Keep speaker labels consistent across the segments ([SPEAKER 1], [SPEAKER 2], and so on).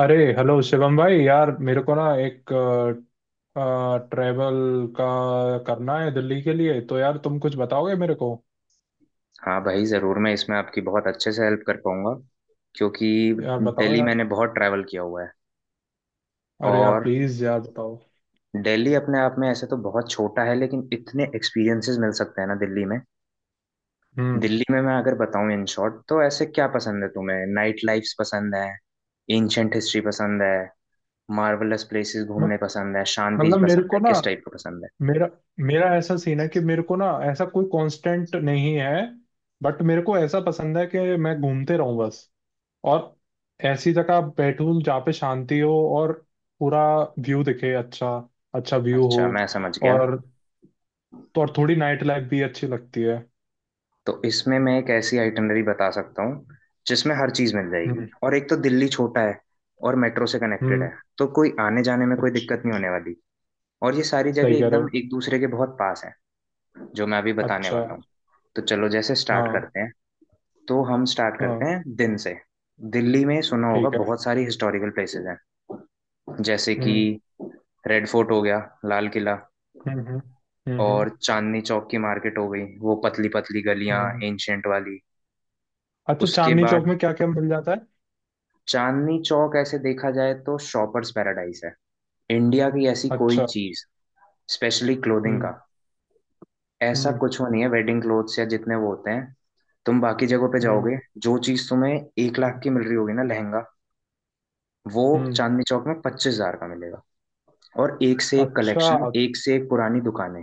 [SPEAKER 1] अरे हेलो शिवम भाई यार, मेरे को ना एक ट्रेवल का करना है दिल्ली के लिए। तो यार तुम कुछ बताओगे मेरे को?
[SPEAKER 2] हाँ भाई ज़रूर। मैं इसमें आपकी बहुत अच्छे से हेल्प कर पाऊंगा क्योंकि
[SPEAKER 1] यार बताओ
[SPEAKER 2] दिल्ली
[SPEAKER 1] यार।
[SPEAKER 2] मैंने बहुत ट्रैवल किया हुआ है।
[SPEAKER 1] अरे यार,
[SPEAKER 2] और
[SPEAKER 1] प्लीज यार, बताओ।
[SPEAKER 2] दिल्ली अपने आप में ऐसे तो बहुत छोटा है, लेकिन इतने एक्सपीरियंसेस मिल सकते हैं ना दिल्ली में
[SPEAKER 1] हम्म।
[SPEAKER 2] दिल्ली में मैं अगर बताऊं इन शॉर्ट, तो ऐसे क्या पसंद है तुम्हें? नाइट लाइफ्स पसंद है? एंशंट हिस्ट्री पसंद है? मार्वलस प्लेसेस घूमने
[SPEAKER 1] मत-
[SPEAKER 2] पसंद है? शांति
[SPEAKER 1] मतलब मेरे
[SPEAKER 2] पसंद
[SPEAKER 1] को
[SPEAKER 2] है?
[SPEAKER 1] ना,
[SPEAKER 2] किस टाइप का पसंद है?
[SPEAKER 1] मेरा मेरा ऐसा सीन है कि मेरे को ना ऐसा कोई कांस्टेंट नहीं है। बट मेरे को ऐसा पसंद है कि मैं घूमते रहूं बस। और ऐसी जगह बैठूं जहाँ पे शांति हो। और पूरा व्यू दिखे अच्छा, अच्छा व्यू हो।
[SPEAKER 2] अच्छा, मैं समझ गया।
[SPEAKER 1] और तो और, थोड़ी नाइट लाइफ भी अच्छी लगती है।
[SPEAKER 2] तो इसमें मैं एक ऐसी आइटनरी बता सकता हूँ जिसमें हर चीज़ मिल जाएगी।
[SPEAKER 1] हम्म।
[SPEAKER 2] और एक तो दिल्ली छोटा है और मेट्रो से कनेक्टेड
[SPEAKER 1] हम्म।
[SPEAKER 2] है, तो कोई आने जाने में कोई
[SPEAKER 1] अच्छा।
[SPEAKER 2] दिक्कत नहीं होने वाली। और ये सारी जगह
[SPEAKER 1] सही कह रहे
[SPEAKER 2] एकदम
[SPEAKER 1] हो।
[SPEAKER 2] एक दूसरे के बहुत पास है जो मैं अभी बताने
[SPEAKER 1] अच्छा।
[SPEAKER 2] वाला हूँ। तो चलो, जैसे स्टार्ट
[SPEAKER 1] हाँ।
[SPEAKER 2] करते हैं। तो हम स्टार्ट
[SPEAKER 1] हाँ,
[SPEAKER 2] करते हैं दिन से। दिल्ली में सुना होगा
[SPEAKER 1] ठीक है।
[SPEAKER 2] बहुत सारी हिस्टोरिकल प्लेसेस हैं। जैसे कि
[SPEAKER 1] हम्म।
[SPEAKER 2] रेड फोर्ट हो गया, लाल किला,
[SPEAKER 1] हम्म। हम्म। हम्म। हम्म।
[SPEAKER 2] और चांदनी चौक की मार्केट हो गई, वो पतली पतली गलियां
[SPEAKER 1] हम्म। हम्म।
[SPEAKER 2] एंशियंट वाली।
[SPEAKER 1] अच्छा,
[SPEAKER 2] उसके
[SPEAKER 1] चांदनी चौक
[SPEAKER 2] बाद
[SPEAKER 1] में क्या क्या मिल जाता है?
[SPEAKER 2] चांदनी चौक, ऐसे देखा जाए तो शॉपर्स पैराडाइज है। इंडिया की ऐसी कोई
[SPEAKER 1] अच्छा।
[SPEAKER 2] चीज, स्पेशली क्लोथिंग
[SPEAKER 1] हम्म।
[SPEAKER 2] का ऐसा
[SPEAKER 1] हम्म।
[SPEAKER 2] कुछ वो नहीं है। वेडिंग क्लोथ्स या जितने वो होते हैं, तुम बाकी जगहों पे जाओगे,
[SPEAKER 1] हम्म।
[SPEAKER 2] जो चीज तुम्हें 1 लाख
[SPEAKER 1] हम्म।
[SPEAKER 2] की मिल रही होगी ना लहंगा, वो
[SPEAKER 1] हम्म।
[SPEAKER 2] चांदनी चौक में 25 हजार का मिलेगा। और एक से एक
[SPEAKER 1] अच्छा
[SPEAKER 2] कलेक्शन, एक से एक पुरानी दुकानें।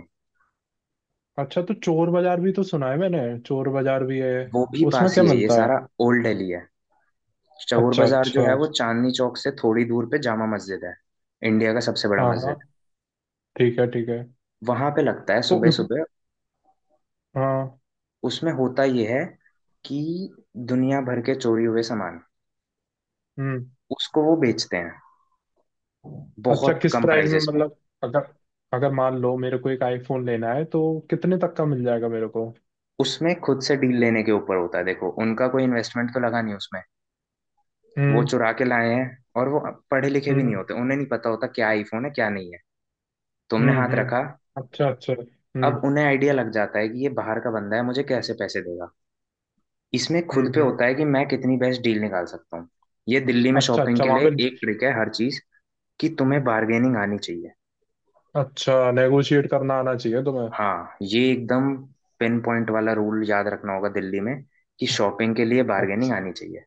[SPEAKER 1] अच्छा, तो चोर बाजार भी तो सुना है मैंने। चोर बाजार भी है?
[SPEAKER 2] वो भी
[SPEAKER 1] उसमें
[SPEAKER 2] पास
[SPEAKER 1] क्या
[SPEAKER 2] ही है ये
[SPEAKER 1] मिलता है?
[SPEAKER 2] सारा, ओल्ड दिल्ली है। चौर
[SPEAKER 1] अच्छा
[SPEAKER 2] बाजार जो
[SPEAKER 1] अच्छा।
[SPEAKER 2] है वो चांदनी चौक से थोड़ी दूर पे, जामा मस्जिद है, इंडिया का सबसे बड़ा
[SPEAKER 1] हाँ हाँ।
[SPEAKER 2] मस्जिद,
[SPEAKER 1] ठीक है, ठीक है।
[SPEAKER 2] वहां पे लगता है
[SPEAKER 1] तो
[SPEAKER 2] सुबह
[SPEAKER 1] उस।
[SPEAKER 2] सुबह।
[SPEAKER 1] हाँ।
[SPEAKER 2] उसमें होता ये है कि दुनिया भर के चोरी हुए सामान
[SPEAKER 1] हम्म।
[SPEAKER 2] उसको वो बेचते हैं
[SPEAKER 1] अच्छा,
[SPEAKER 2] बहुत
[SPEAKER 1] किस
[SPEAKER 2] कम
[SPEAKER 1] प्राइस में
[SPEAKER 2] प्राइजेस में।
[SPEAKER 1] मतलब? अगर अगर मान लो मेरे को एक आईफोन लेना है तो कितने तक का मिल जाएगा मेरे को?
[SPEAKER 2] उसमें खुद से डील लेने के ऊपर होता है। देखो, उनका कोई इन्वेस्टमेंट तो लगा नहीं उसमें, वो
[SPEAKER 1] हम्म।
[SPEAKER 2] चुरा के लाए हैं। और वो पढ़े लिखे भी नहीं
[SPEAKER 1] हम्म।
[SPEAKER 2] होते, उन्हें नहीं पता होता क्या आईफोन है क्या नहीं है। तुमने
[SPEAKER 1] हम्म।
[SPEAKER 2] हाथ रखा,
[SPEAKER 1] हम्म। अच्छा अच्छा। हम्म।
[SPEAKER 2] अब उन्हें आइडिया लग जाता है कि ये बाहर का बंदा है, मुझे कैसे पैसे देगा। इसमें खुद
[SPEAKER 1] हम्म।
[SPEAKER 2] पे
[SPEAKER 1] हम्म।
[SPEAKER 2] होता है कि मैं कितनी बेस्ट डील निकाल सकता हूँ। ये दिल्ली में
[SPEAKER 1] अच्छा
[SPEAKER 2] शॉपिंग
[SPEAKER 1] अच्छा,
[SPEAKER 2] के
[SPEAKER 1] वहां
[SPEAKER 2] लिए
[SPEAKER 1] पे?
[SPEAKER 2] एक ट्रिक है हर चीज, कि तुम्हें बार्गेनिंग आनी चाहिए।
[SPEAKER 1] अच्छा, नेगोशिएट करना आना चाहिए तुम्हें?
[SPEAKER 2] हाँ, ये एकदम पिन पॉइंट वाला रूल याद रखना होगा दिल्ली में, कि शॉपिंग के लिए बार्गेनिंग
[SPEAKER 1] अच्छा।
[SPEAKER 2] आनी चाहिए।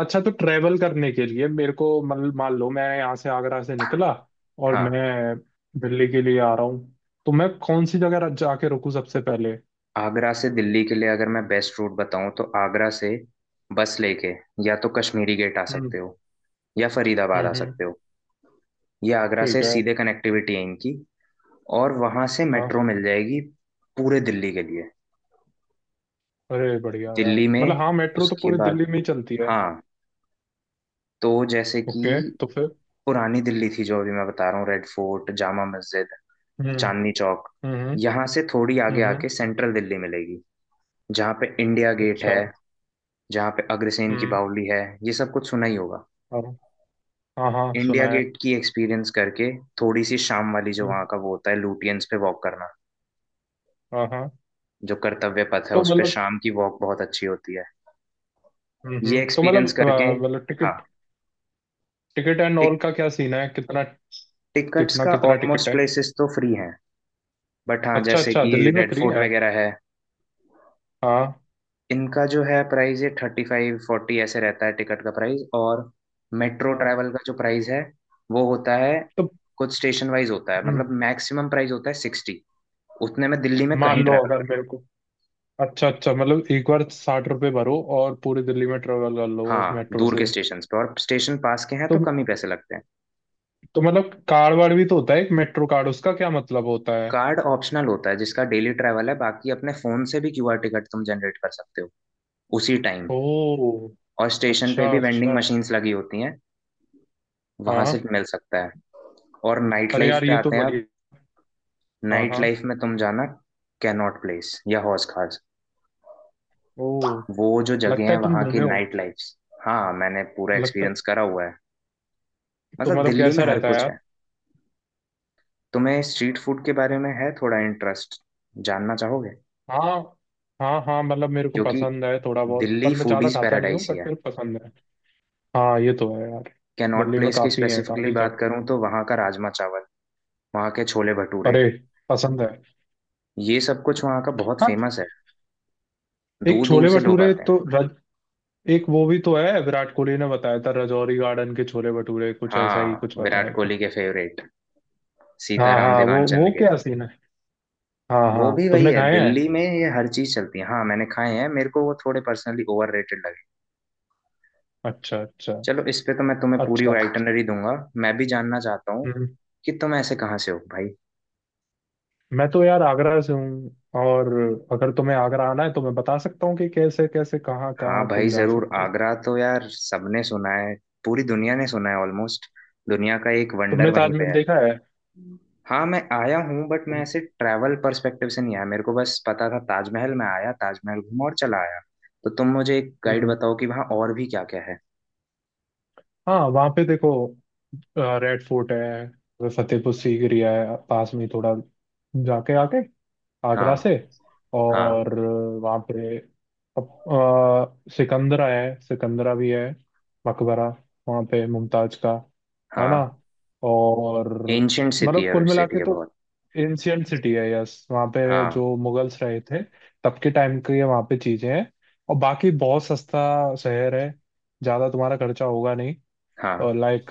[SPEAKER 1] अच्छा, तो ट्रेवल करने के लिए मेरे को, मतलब मान लो मैं यहाँ से आगरा से निकला और
[SPEAKER 2] हाँ,
[SPEAKER 1] मैं दिल्ली के लिए आ रहा हूँ, तो मैं कौन सी जगह जाके रुकूँ सबसे पहले?
[SPEAKER 2] आगरा से दिल्ली के लिए अगर मैं बेस्ट रूट बताऊं तो आगरा से बस लेके या तो कश्मीरी गेट आ सकते
[SPEAKER 1] हम्म।
[SPEAKER 2] हो, या
[SPEAKER 1] हम्म।
[SPEAKER 2] फरीदाबाद आ
[SPEAKER 1] हम्म।
[SPEAKER 2] सकते हो। ये आगरा से
[SPEAKER 1] ठीक है।
[SPEAKER 2] सीधे कनेक्टिविटी है इनकी, और वहां से
[SPEAKER 1] हाँ।
[SPEAKER 2] मेट्रो मिल जाएगी पूरे दिल्ली के लिए।
[SPEAKER 1] अरे बढ़िया यार,
[SPEAKER 2] दिल्ली
[SPEAKER 1] मतलब
[SPEAKER 2] में
[SPEAKER 1] हाँ, मेट्रो तो
[SPEAKER 2] उसके
[SPEAKER 1] पूरी
[SPEAKER 2] बाद,
[SPEAKER 1] दिल्ली में ही चलती है।
[SPEAKER 2] हाँ, तो जैसे कि
[SPEAKER 1] ओके तो फिर।
[SPEAKER 2] पुरानी दिल्ली थी जो अभी मैं बता रहा हूँ, रेड फोर्ट, जामा मस्जिद,
[SPEAKER 1] हम्म।
[SPEAKER 2] चांदनी चौक।
[SPEAKER 1] हम्म।
[SPEAKER 2] यहाँ से थोड़ी आगे
[SPEAKER 1] हम्म।
[SPEAKER 2] आके सेंट्रल दिल्ली मिलेगी, जहाँ पे इंडिया गेट
[SPEAKER 1] अच्छा।
[SPEAKER 2] है, जहाँ पे अग्रसेन की
[SPEAKER 1] हम्म।
[SPEAKER 2] बावली है। ये सब कुछ सुना ही होगा।
[SPEAKER 1] हाँ। हाँ हाँ,
[SPEAKER 2] इंडिया
[SPEAKER 1] सुना है।
[SPEAKER 2] गेट की एक्सपीरियंस करके, थोड़ी सी शाम वाली जो
[SPEAKER 1] हम्म।
[SPEAKER 2] वहाँ का वो होता है, लुटियंस पे वॉक करना,
[SPEAKER 1] हाँ हाँ।
[SPEAKER 2] जो कर्तव्य पथ है
[SPEAKER 1] तो
[SPEAKER 2] उस पे
[SPEAKER 1] मतलब।
[SPEAKER 2] शाम की वॉक बहुत अच्छी होती है। ये
[SPEAKER 1] तो
[SPEAKER 2] एक्सपीरियंस
[SPEAKER 1] मतलब
[SPEAKER 2] करके,
[SPEAKER 1] अ, मतलब
[SPEAKER 2] हाँ,
[SPEAKER 1] ticket. Ticket and
[SPEAKER 2] tick,
[SPEAKER 1] all का क्या सीन है, कितना?
[SPEAKER 2] टिकट्स
[SPEAKER 1] कितना
[SPEAKER 2] का
[SPEAKER 1] कितना टिकट
[SPEAKER 2] ऑलमोस्ट
[SPEAKER 1] है?
[SPEAKER 2] प्लेसेस तो फ्री हैं। बट हाँ,
[SPEAKER 1] अच्छा
[SPEAKER 2] जैसे
[SPEAKER 1] अच्छा,
[SPEAKER 2] कि
[SPEAKER 1] दिल्ली में
[SPEAKER 2] रेड
[SPEAKER 1] फ्री
[SPEAKER 2] फोर्ट
[SPEAKER 1] है?
[SPEAKER 2] वगैरह है,
[SPEAKER 1] हाँ।
[SPEAKER 2] इनका जो है प्राइस, ये 35-40 ऐसे रहता है टिकट का प्राइस। और मेट्रो
[SPEAKER 1] हाँ।
[SPEAKER 2] ट्रैवल का जो प्राइस है वो होता है
[SPEAKER 1] तो
[SPEAKER 2] कुछ स्टेशन वाइज होता है, मतलब
[SPEAKER 1] हम्म
[SPEAKER 2] मैक्सिमम प्राइस होता है 60, उतने में दिल्ली में
[SPEAKER 1] मान
[SPEAKER 2] कहीं
[SPEAKER 1] लो
[SPEAKER 2] ट्रैवल
[SPEAKER 1] अगर
[SPEAKER 2] कर
[SPEAKER 1] मेरे
[SPEAKER 2] लो।
[SPEAKER 1] को। अच्छा अच्छा, मतलब एक बार 60 रुपए भरो और पूरी दिल्ली में ट्रेवल कर लो उस
[SPEAKER 2] हाँ,
[SPEAKER 1] मेट्रो
[SPEAKER 2] दूर के
[SPEAKER 1] से?
[SPEAKER 2] स्टेशन पे, और स्टेशन पास के हैं
[SPEAKER 1] तो
[SPEAKER 2] तो कम ही पैसे लगते हैं।
[SPEAKER 1] तो मतलब कार्ड वार्ड भी तो होता है एक मेट्रो कार्ड, उसका क्या मतलब होता है?
[SPEAKER 2] कार्ड ऑप्शनल होता है जिसका डेली ट्रैवल है, बाकी अपने फोन से भी क्यूआर टिकट तुम जनरेट कर सकते हो उसी टाइम।
[SPEAKER 1] ओ।
[SPEAKER 2] और स्टेशन पे
[SPEAKER 1] अच्छा
[SPEAKER 2] भी वेंडिंग
[SPEAKER 1] अच्छा।
[SPEAKER 2] मशीन्स लगी होती हैं, वहां से
[SPEAKER 1] हाँ।
[SPEAKER 2] मिल सकता है। और नाइट
[SPEAKER 1] अरे
[SPEAKER 2] लाइफ
[SPEAKER 1] यार,
[SPEAKER 2] पे
[SPEAKER 1] ये तो
[SPEAKER 2] आते हैं
[SPEAKER 1] बढ़िया।
[SPEAKER 2] अब।
[SPEAKER 1] हाँ
[SPEAKER 2] नाइट
[SPEAKER 1] हाँ।
[SPEAKER 2] लाइफ में तुम जाना कैनॉट प्लेस या हौज खास,
[SPEAKER 1] ओ।
[SPEAKER 2] वो जो जगह
[SPEAKER 1] लगता
[SPEAKER 2] है
[SPEAKER 1] है तुम
[SPEAKER 2] वहाँ की
[SPEAKER 1] घूमे हो।
[SPEAKER 2] Night life. हाँ, मैंने पूरा
[SPEAKER 1] लगता है।
[SPEAKER 2] एक्सपीरियंस करा हुआ है।
[SPEAKER 1] तो
[SPEAKER 2] मतलब
[SPEAKER 1] मतलब
[SPEAKER 2] दिल्ली में
[SPEAKER 1] कैसा
[SPEAKER 2] हर
[SPEAKER 1] रहता है
[SPEAKER 2] कुछ
[SPEAKER 1] यार?
[SPEAKER 2] है। तुम्हें स्ट्रीट फूड के बारे में है थोड़ा इंटरेस्ट? जानना चाहोगे?
[SPEAKER 1] हाँ। हाँ हाँ, मतलब मेरे को
[SPEAKER 2] क्योंकि
[SPEAKER 1] पसंद है थोड़ा बहुत,
[SPEAKER 2] दिल्ली
[SPEAKER 1] पर मैं ज्यादा
[SPEAKER 2] फूडीज
[SPEAKER 1] खाता नहीं हूँ,
[SPEAKER 2] पैराडाइस ही
[SPEAKER 1] बट
[SPEAKER 2] है।
[SPEAKER 1] मेरे को पसंद है। हाँ, ये तो है यार।
[SPEAKER 2] कैनॉट
[SPEAKER 1] दिल्ली में
[SPEAKER 2] प्लेस की
[SPEAKER 1] काफी है,
[SPEAKER 2] स्पेसिफिकली
[SPEAKER 1] काफी जगह।
[SPEAKER 2] बात करूँ तो वहाँ का राजमा चावल, वहाँ के छोले भटूरे,
[SPEAKER 1] अरे। पसंद है।
[SPEAKER 2] ये सब कुछ वहाँ का बहुत
[SPEAKER 1] हाँ।
[SPEAKER 2] फेमस है,
[SPEAKER 1] एक
[SPEAKER 2] दूर दूर
[SPEAKER 1] छोले
[SPEAKER 2] से लोग
[SPEAKER 1] भटूरे
[SPEAKER 2] आते हैं।
[SPEAKER 1] तो रज। एक वो भी तो है, विराट कोहली ने बताया था राजौरी गार्डन के छोले भटूरे, कुछ ऐसा ही
[SPEAKER 2] हाँ,
[SPEAKER 1] कुछ बताया।
[SPEAKER 2] विराट कोहली के फेवरेट
[SPEAKER 1] हाँ
[SPEAKER 2] सीताराम
[SPEAKER 1] हाँ, वो
[SPEAKER 2] देवानचंद
[SPEAKER 1] वो
[SPEAKER 2] के,
[SPEAKER 1] क्या सीन है? हाँ हाँ,
[SPEAKER 2] वो भी वही
[SPEAKER 1] तुमने
[SPEAKER 2] है।
[SPEAKER 1] खाए
[SPEAKER 2] दिल्ली
[SPEAKER 1] हैं?
[SPEAKER 2] में ये हर चीज चलती है। हाँ, मैंने खाए हैं, मेरे को वो थोड़े पर्सनली ओवररेटेड लगे।
[SPEAKER 1] अच्छा अच्छा।
[SPEAKER 2] चलो, इस पे तो मैं तुम्हें पूरी
[SPEAKER 1] अच्छा।
[SPEAKER 2] आइटनरी दूंगा। मैं भी जानना चाहता हूँ
[SPEAKER 1] हम्म।
[SPEAKER 2] कि तुम ऐसे कहाँ से हो भाई।
[SPEAKER 1] मैं तो यार आगरा से हूँ। और अगर तुम्हें आगरा आना है तो मैं बता सकता हूँ कि कैसे कैसे कहाँ
[SPEAKER 2] हाँ
[SPEAKER 1] कहाँ
[SPEAKER 2] भाई
[SPEAKER 1] तुम जा
[SPEAKER 2] जरूर
[SPEAKER 1] सकते हो।
[SPEAKER 2] आगरा तो यार सबने सुना है, पूरी दुनिया ने सुना है ऑलमोस्ट। दुनिया का एक वंडर
[SPEAKER 1] तुमने
[SPEAKER 2] वहीं पे
[SPEAKER 1] ताजमहल
[SPEAKER 2] है।
[SPEAKER 1] देखा है?
[SPEAKER 2] हाँ, मैं आया हूँ, बट मैं ऐसे ट्रैवल पर्सपेक्टिव से नहीं आया। मेरे को बस पता था ताजमहल, में आया, ताजमहल घूमा और चला आया। तो तुम मुझे एक गाइड
[SPEAKER 1] हम्म।
[SPEAKER 2] बताओ कि वहाँ और भी क्या क्या है।
[SPEAKER 1] हाँ, वहाँ पे देखो, रेड फोर्ट है, फतेहपुर सीकरी है पास में ही थोड़ा, जाके आके आगरा
[SPEAKER 2] हाँ।
[SPEAKER 1] से।
[SPEAKER 2] हाँ।
[SPEAKER 1] और वहाँ पे सिकंदरा है, सिकंदरा भी है। मकबरा वहाँ पे मुमताज का, है ना।
[SPEAKER 2] हाँ,
[SPEAKER 1] और
[SPEAKER 2] एंशंट सिटी
[SPEAKER 1] मतलब
[SPEAKER 2] है,
[SPEAKER 1] कुल मिला
[SPEAKER 2] सिटी
[SPEAKER 1] के
[SPEAKER 2] है
[SPEAKER 1] तो
[SPEAKER 2] बहुत।
[SPEAKER 1] एंशियंट सिटी है, यस। वहाँ पे
[SPEAKER 2] हाँ।
[SPEAKER 1] जो मुगल्स रहे थे, तब के टाइम की ये वहाँ पे चीजें हैं। और बाकी बहुत सस्ता शहर है, ज़्यादा तुम्हारा खर्चा होगा नहीं।
[SPEAKER 2] हाँ।
[SPEAKER 1] लाइक,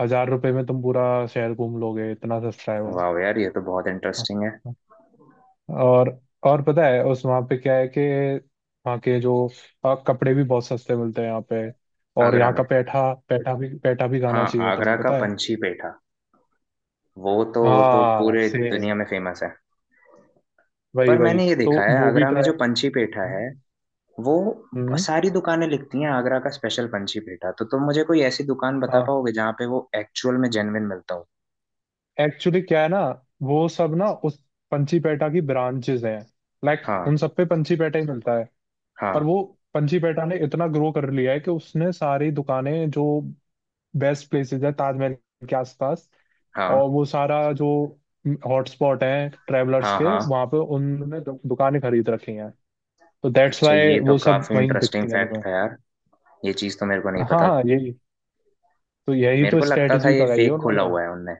[SPEAKER 1] 1000 रुपए में तुम पूरा शहर घूम लोगे, इतना सस्ता है।
[SPEAKER 2] वाह यार, ये तो बहुत
[SPEAKER 1] वो।
[SPEAKER 2] इंटरेस्टिंग है।
[SPEAKER 1] और और पता है उस वहाँ पे क्या है कि वहाँ के जो कपड़े भी बहुत सस्ते मिलते हैं यहाँ पे। और
[SPEAKER 2] आगरा
[SPEAKER 1] यहाँ का
[SPEAKER 2] में,
[SPEAKER 1] पैठा, पैठा भी, पैठा भी खाना
[SPEAKER 2] हाँ,
[SPEAKER 1] चाहिए,
[SPEAKER 2] आगरा
[SPEAKER 1] तुम्हें
[SPEAKER 2] का
[SPEAKER 1] पता है।
[SPEAKER 2] पंछी पेठा, वो तो
[SPEAKER 1] हाँ,
[SPEAKER 2] पूरे
[SPEAKER 1] सेम,
[SPEAKER 2] दुनिया में फेमस है।
[SPEAKER 1] वही
[SPEAKER 2] पर
[SPEAKER 1] वही।
[SPEAKER 2] मैंने ये
[SPEAKER 1] तो
[SPEAKER 2] देखा है,
[SPEAKER 1] वो भी
[SPEAKER 2] आगरा में
[SPEAKER 1] ट्राई।
[SPEAKER 2] जो पंछी पेठा है, वो
[SPEAKER 1] हम्म।
[SPEAKER 2] सारी दुकानें लिखती हैं आगरा का स्पेशल पंछी पेठा। तो तुम मुझे कोई ऐसी दुकान बता
[SPEAKER 1] हाँ,
[SPEAKER 2] पाओगे जहाँ पे वो एक्चुअल में जेन्युइन मिलता हो?
[SPEAKER 1] एक्चुअली क्या है ना, वो सब ना उस पंची पैठा की ब्रांचेस हैं, लाइक,
[SPEAKER 2] हाँ।
[SPEAKER 1] उन सब पे पंची पैठा ही मिलता है। पर
[SPEAKER 2] हाँ।
[SPEAKER 1] वो पंची पैठा ने इतना ग्रो कर लिया है कि उसने सारी दुकानें, जो बेस्ट प्लेसेस है ताजमहल के आसपास,
[SPEAKER 2] हाँ।
[SPEAKER 1] और वो सारा जो हॉटस्पॉट है ट्रैवलर्स
[SPEAKER 2] हाँ।
[SPEAKER 1] के,
[SPEAKER 2] हाँ।
[SPEAKER 1] वहां पे उन्होंने दुकानें खरीद रखी हैं। तो दैट्स
[SPEAKER 2] अच्छा, ये
[SPEAKER 1] वाई
[SPEAKER 2] तो
[SPEAKER 1] वो सब
[SPEAKER 2] काफी
[SPEAKER 1] वहीं
[SPEAKER 2] इंटरेस्टिंग
[SPEAKER 1] दिखती हैं
[SPEAKER 2] फैक्ट
[SPEAKER 1] तुम्हें।
[SPEAKER 2] था यार। ये चीज तो मेरे को नहीं
[SPEAKER 1] हाँ
[SPEAKER 2] पता
[SPEAKER 1] हाँ,
[SPEAKER 2] थी।
[SPEAKER 1] यही तो, यही
[SPEAKER 2] मेरे
[SPEAKER 1] तो
[SPEAKER 2] को लगता था
[SPEAKER 1] स्ट्रेटजी
[SPEAKER 2] ये
[SPEAKER 1] लगाई है
[SPEAKER 2] फेक खोला
[SPEAKER 1] उन्होंने।
[SPEAKER 2] हुआ है उनने,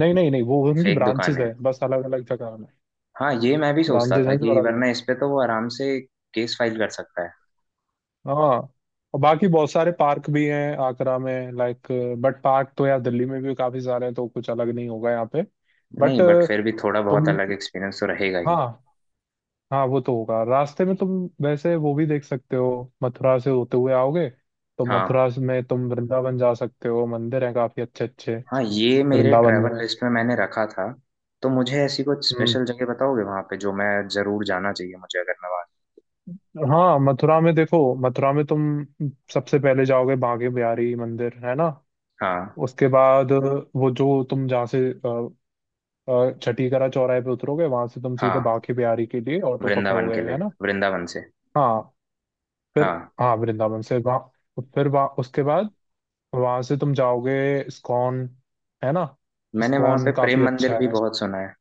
[SPEAKER 1] नहीं नहीं नहीं, वो उनकी
[SPEAKER 2] फेक दुकान
[SPEAKER 1] ब्रांचेस
[SPEAKER 2] है।
[SPEAKER 1] है बस अलग अलग जगह में।
[SPEAKER 2] हाँ, ये मैं भी सोचता
[SPEAKER 1] ब्रांचेस
[SPEAKER 2] था
[SPEAKER 1] हैं जो
[SPEAKER 2] कि
[SPEAKER 1] अलग अलग।
[SPEAKER 2] वरना इस पे तो वो आराम से केस फाइल कर सकता है।
[SPEAKER 1] हाँ। और बाकी बहुत सारे पार्क भी हैं आगरा में, लाइक। बट पार्क तो यार दिल्ली में भी काफी सारे हैं, तो कुछ अलग नहीं होगा यहाँ पे।
[SPEAKER 2] नहीं,
[SPEAKER 1] बट
[SPEAKER 2] बट फिर भी थोड़ा
[SPEAKER 1] तुम।
[SPEAKER 2] बहुत अलग एक्सपीरियंस तो रहेगा ही।
[SPEAKER 1] हाँ हाँ, वो तो होगा रास्ते में। तुम वैसे वो भी देख सकते हो। मथुरा से होते हुए आओगे तो
[SPEAKER 2] हाँ।
[SPEAKER 1] में तुम वृंदावन जा सकते हो, मंदिर हैं काफी अच्छे अच्छे।
[SPEAKER 2] हाँ, ये मेरे
[SPEAKER 1] वृंदावन में।
[SPEAKER 2] ट्रैवल लिस्ट में मैंने रखा था। तो मुझे ऐसी कुछ
[SPEAKER 1] हम्म।
[SPEAKER 2] स्पेशल जगह बताओगे वहाँ पे जो मैं जरूर जाना चाहिए मुझे अगर मैं वहाँ।
[SPEAKER 1] हाँ, मथुरा में देखो, मथुरा में तुम सबसे पहले जाओगे बांके बिहारी मंदिर, है ना।
[SPEAKER 2] हाँ।
[SPEAKER 1] उसके बाद वो जो तुम जहाँ से छठीकरा चौराहे पे उतरोगे, वहां से तुम सीधे
[SPEAKER 2] हाँ,
[SPEAKER 1] बांके बिहारी के लिए ऑटो
[SPEAKER 2] वृंदावन
[SPEAKER 1] पकड़ोगे,
[SPEAKER 2] के लिए,
[SPEAKER 1] है ना।
[SPEAKER 2] वृंदावन से।
[SPEAKER 1] हाँ, फिर।
[SPEAKER 2] हाँ,
[SPEAKER 1] हाँ, वृंदावन से वहाँ, फिर वहाँ, उसके बाद वहां से तुम जाओगे इस्कॉन, है ना।
[SPEAKER 2] मैंने वहाँ
[SPEAKER 1] इस्कॉन
[SPEAKER 2] पे प्रेम
[SPEAKER 1] काफी
[SPEAKER 2] मंदिर
[SPEAKER 1] अच्छा
[SPEAKER 2] भी
[SPEAKER 1] है।
[SPEAKER 2] बहुत सुना है।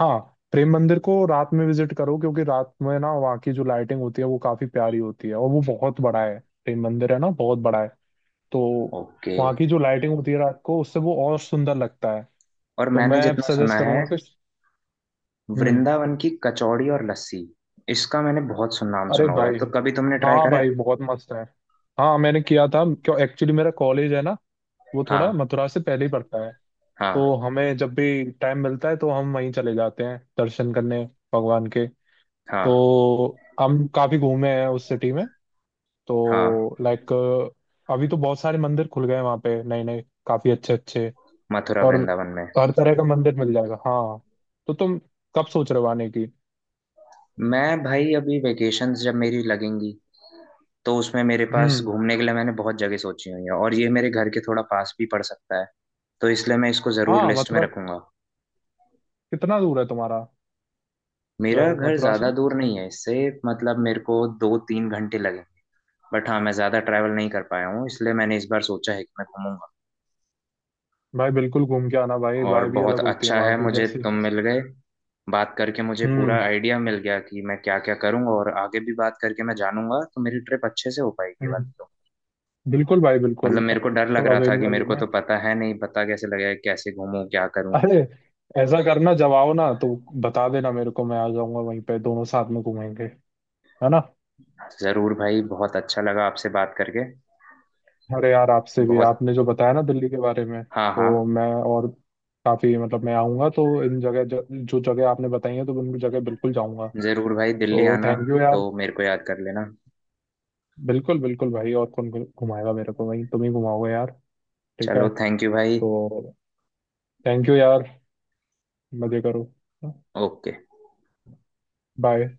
[SPEAKER 1] हाँ। प्रेम मंदिर को रात में विजिट करो, क्योंकि रात में ना वहाँ की जो लाइटिंग होती है वो काफी प्यारी होती है, और वो बहुत बड़ा है। प्रेम मंदिर है ना बहुत बड़ा है। तो
[SPEAKER 2] ओके।
[SPEAKER 1] वहाँ की जो लाइटिंग होती है रात को, उससे वो और सुंदर लगता है।
[SPEAKER 2] और
[SPEAKER 1] तो
[SPEAKER 2] मैंने
[SPEAKER 1] मैं
[SPEAKER 2] जितना सुना
[SPEAKER 1] सजेस्ट
[SPEAKER 2] है
[SPEAKER 1] करूंगा कि। हम्म।
[SPEAKER 2] वृंदावन की कचौड़ी और लस्सी, इसका मैंने बहुत सुन नाम
[SPEAKER 1] अरे
[SPEAKER 2] सुना हुआ है। तो
[SPEAKER 1] भाई,
[SPEAKER 2] कभी तुमने ट्राई
[SPEAKER 1] हाँ
[SPEAKER 2] करा है?
[SPEAKER 1] भाई बहुत मस्त है। हाँ, मैंने किया था। क्यों? एक्चुअली मेरा कॉलेज है ना, वो थोड़ा
[SPEAKER 2] हाँ।
[SPEAKER 1] मथुरा से पहले ही पड़ता है। तो
[SPEAKER 2] हाँ।
[SPEAKER 1] हमें जब भी टाइम मिलता है तो हम वहीं चले जाते हैं दर्शन करने भगवान के।
[SPEAKER 2] हाँ।
[SPEAKER 1] तो हम काफी घूमे हैं उस सिटी में।
[SPEAKER 2] हाँ,
[SPEAKER 1] तो लाइक, अभी तो बहुत सारे मंदिर खुल गए हैं वहाँ पे, नए नए, काफी अच्छे अच्छे।
[SPEAKER 2] मथुरा
[SPEAKER 1] और
[SPEAKER 2] वृंदावन में।
[SPEAKER 1] हर तरह का मंदिर मिल जाएगा। हाँ। तो तुम कब सोच रहे हो आने की?
[SPEAKER 2] मैं भाई अभी वेकेशंस जब मेरी लगेंगी, तो उसमें मेरे पास
[SPEAKER 1] हम्म।
[SPEAKER 2] घूमने के लिए मैंने बहुत जगह सोची हुई है, और ये मेरे घर के थोड़ा पास भी पड़ सकता है। तो इसलिए मैं इसको ज़रूर
[SPEAKER 1] हाँ,
[SPEAKER 2] लिस्ट में
[SPEAKER 1] मथुरा
[SPEAKER 2] रखूंगा।
[SPEAKER 1] कितना दूर है तुम्हारा?
[SPEAKER 2] मेरा घर
[SPEAKER 1] मथुरा से?
[SPEAKER 2] ज़्यादा दूर नहीं है इससे। मतलब मेरे को 2-3 घंटे लगे। बट हाँ, मैं ज़्यादा ट्रैवल नहीं कर पाया हूँ, इसलिए मैंने इस बार सोचा है कि मैं घूमूंगा।
[SPEAKER 1] भाई बिल्कुल घूम के आना, भाई
[SPEAKER 2] और
[SPEAKER 1] भाई भी
[SPEAKER 2] बहुत
[SPEAKER 1] अलग होती है
[SPEAKER 2] अच्छा
[SPEAKER 1] वहाँ
[SPEAKER 2] है
[SPEAKER 1] की
[SPEAKER 2] मुझे
[SPEAKER 1] जैसे।
[SPEAKER 2] तुम मिल गए। बात करके मुझे पूरा
[SPEAKER 1] हम्म।
[SPEAKER 2] आइडिया मिल गया कि मैं क्या क्या करूंगा, और आगे भी बात करके मैं जानूंगा तो मेरी ट्रिप अच्छे से हो पाएगी वाली
[SPEAKER 1] हम्म।
[SPEAKER 2] तो।
[SPEAKER 1] बिल्कुल भाई,
[SPEAKER 2] मतलब
[SPEAKER 1] बिल्कुल।
[SPEAKER 2] मेरे को डर लग रहा था कि
[SPEAKER 1] अवेलेबल
[SPEAKER 2] मेरे
[SPEAKER 1] हूँ
[SPEAKER 2] को
[SPEAKER 1] मैं।
[SPEAKER 2] तो पता है नहीं, पता कैसे लगेगा, कैसे घूमूं, क्या करूं।
[SPEAKER 1] अरे, ऐसा करना जब आओ ना तो बता देना मेरे को, मैं आ जाऊंगा, वहीं पे दोनों साथ में घूमेंगे, है ना।
[SPEAKER 2] जरूर भाई, बहुत अच्छा लगा आपसे बात करके।
[SPEAKER 1] अरे यार, आपसे भी,
[SPEAKER 2] बहुत।
[SPEAKER 1] आपने जो बताया ना दिल्ली के बारे में,
[SPEAKER 2] हाँ हाँ।
[SPEAKER 1] तो मैं। और काफी, मतलब मैं आऊंगा तो इन जगह, जो जगह आपने बताई है, तो उन जगह बिल्कुल जाऊंगा।
[SPEAKER 2] जरूर भाई, दिल्ली
[SPEAKER 1] तो
[SPEAKER 2] आना
[SPEAKER 1] थैंक यू
[SPEAKER 2] तो
[SPEAKER 1] यार।
[SPEAKER 2] मेरे को याद कर लेना।
[SPEAKER 1] बिल्कुल बिल्कुल भाई, और कौन घुमाएगा मेरे को, वहीं तुम ही घुमाओगे यार। ठीक
[SPEAKER 2] चलो,
[SPEAKER 1] है।
[SPEAKER 2] थैंक यू भाई।
[SPEAKER 1] तो थैंक यू यार। मजे करो।
[SPEAKER 2] ओके।
[SPEAKER 1] बाय।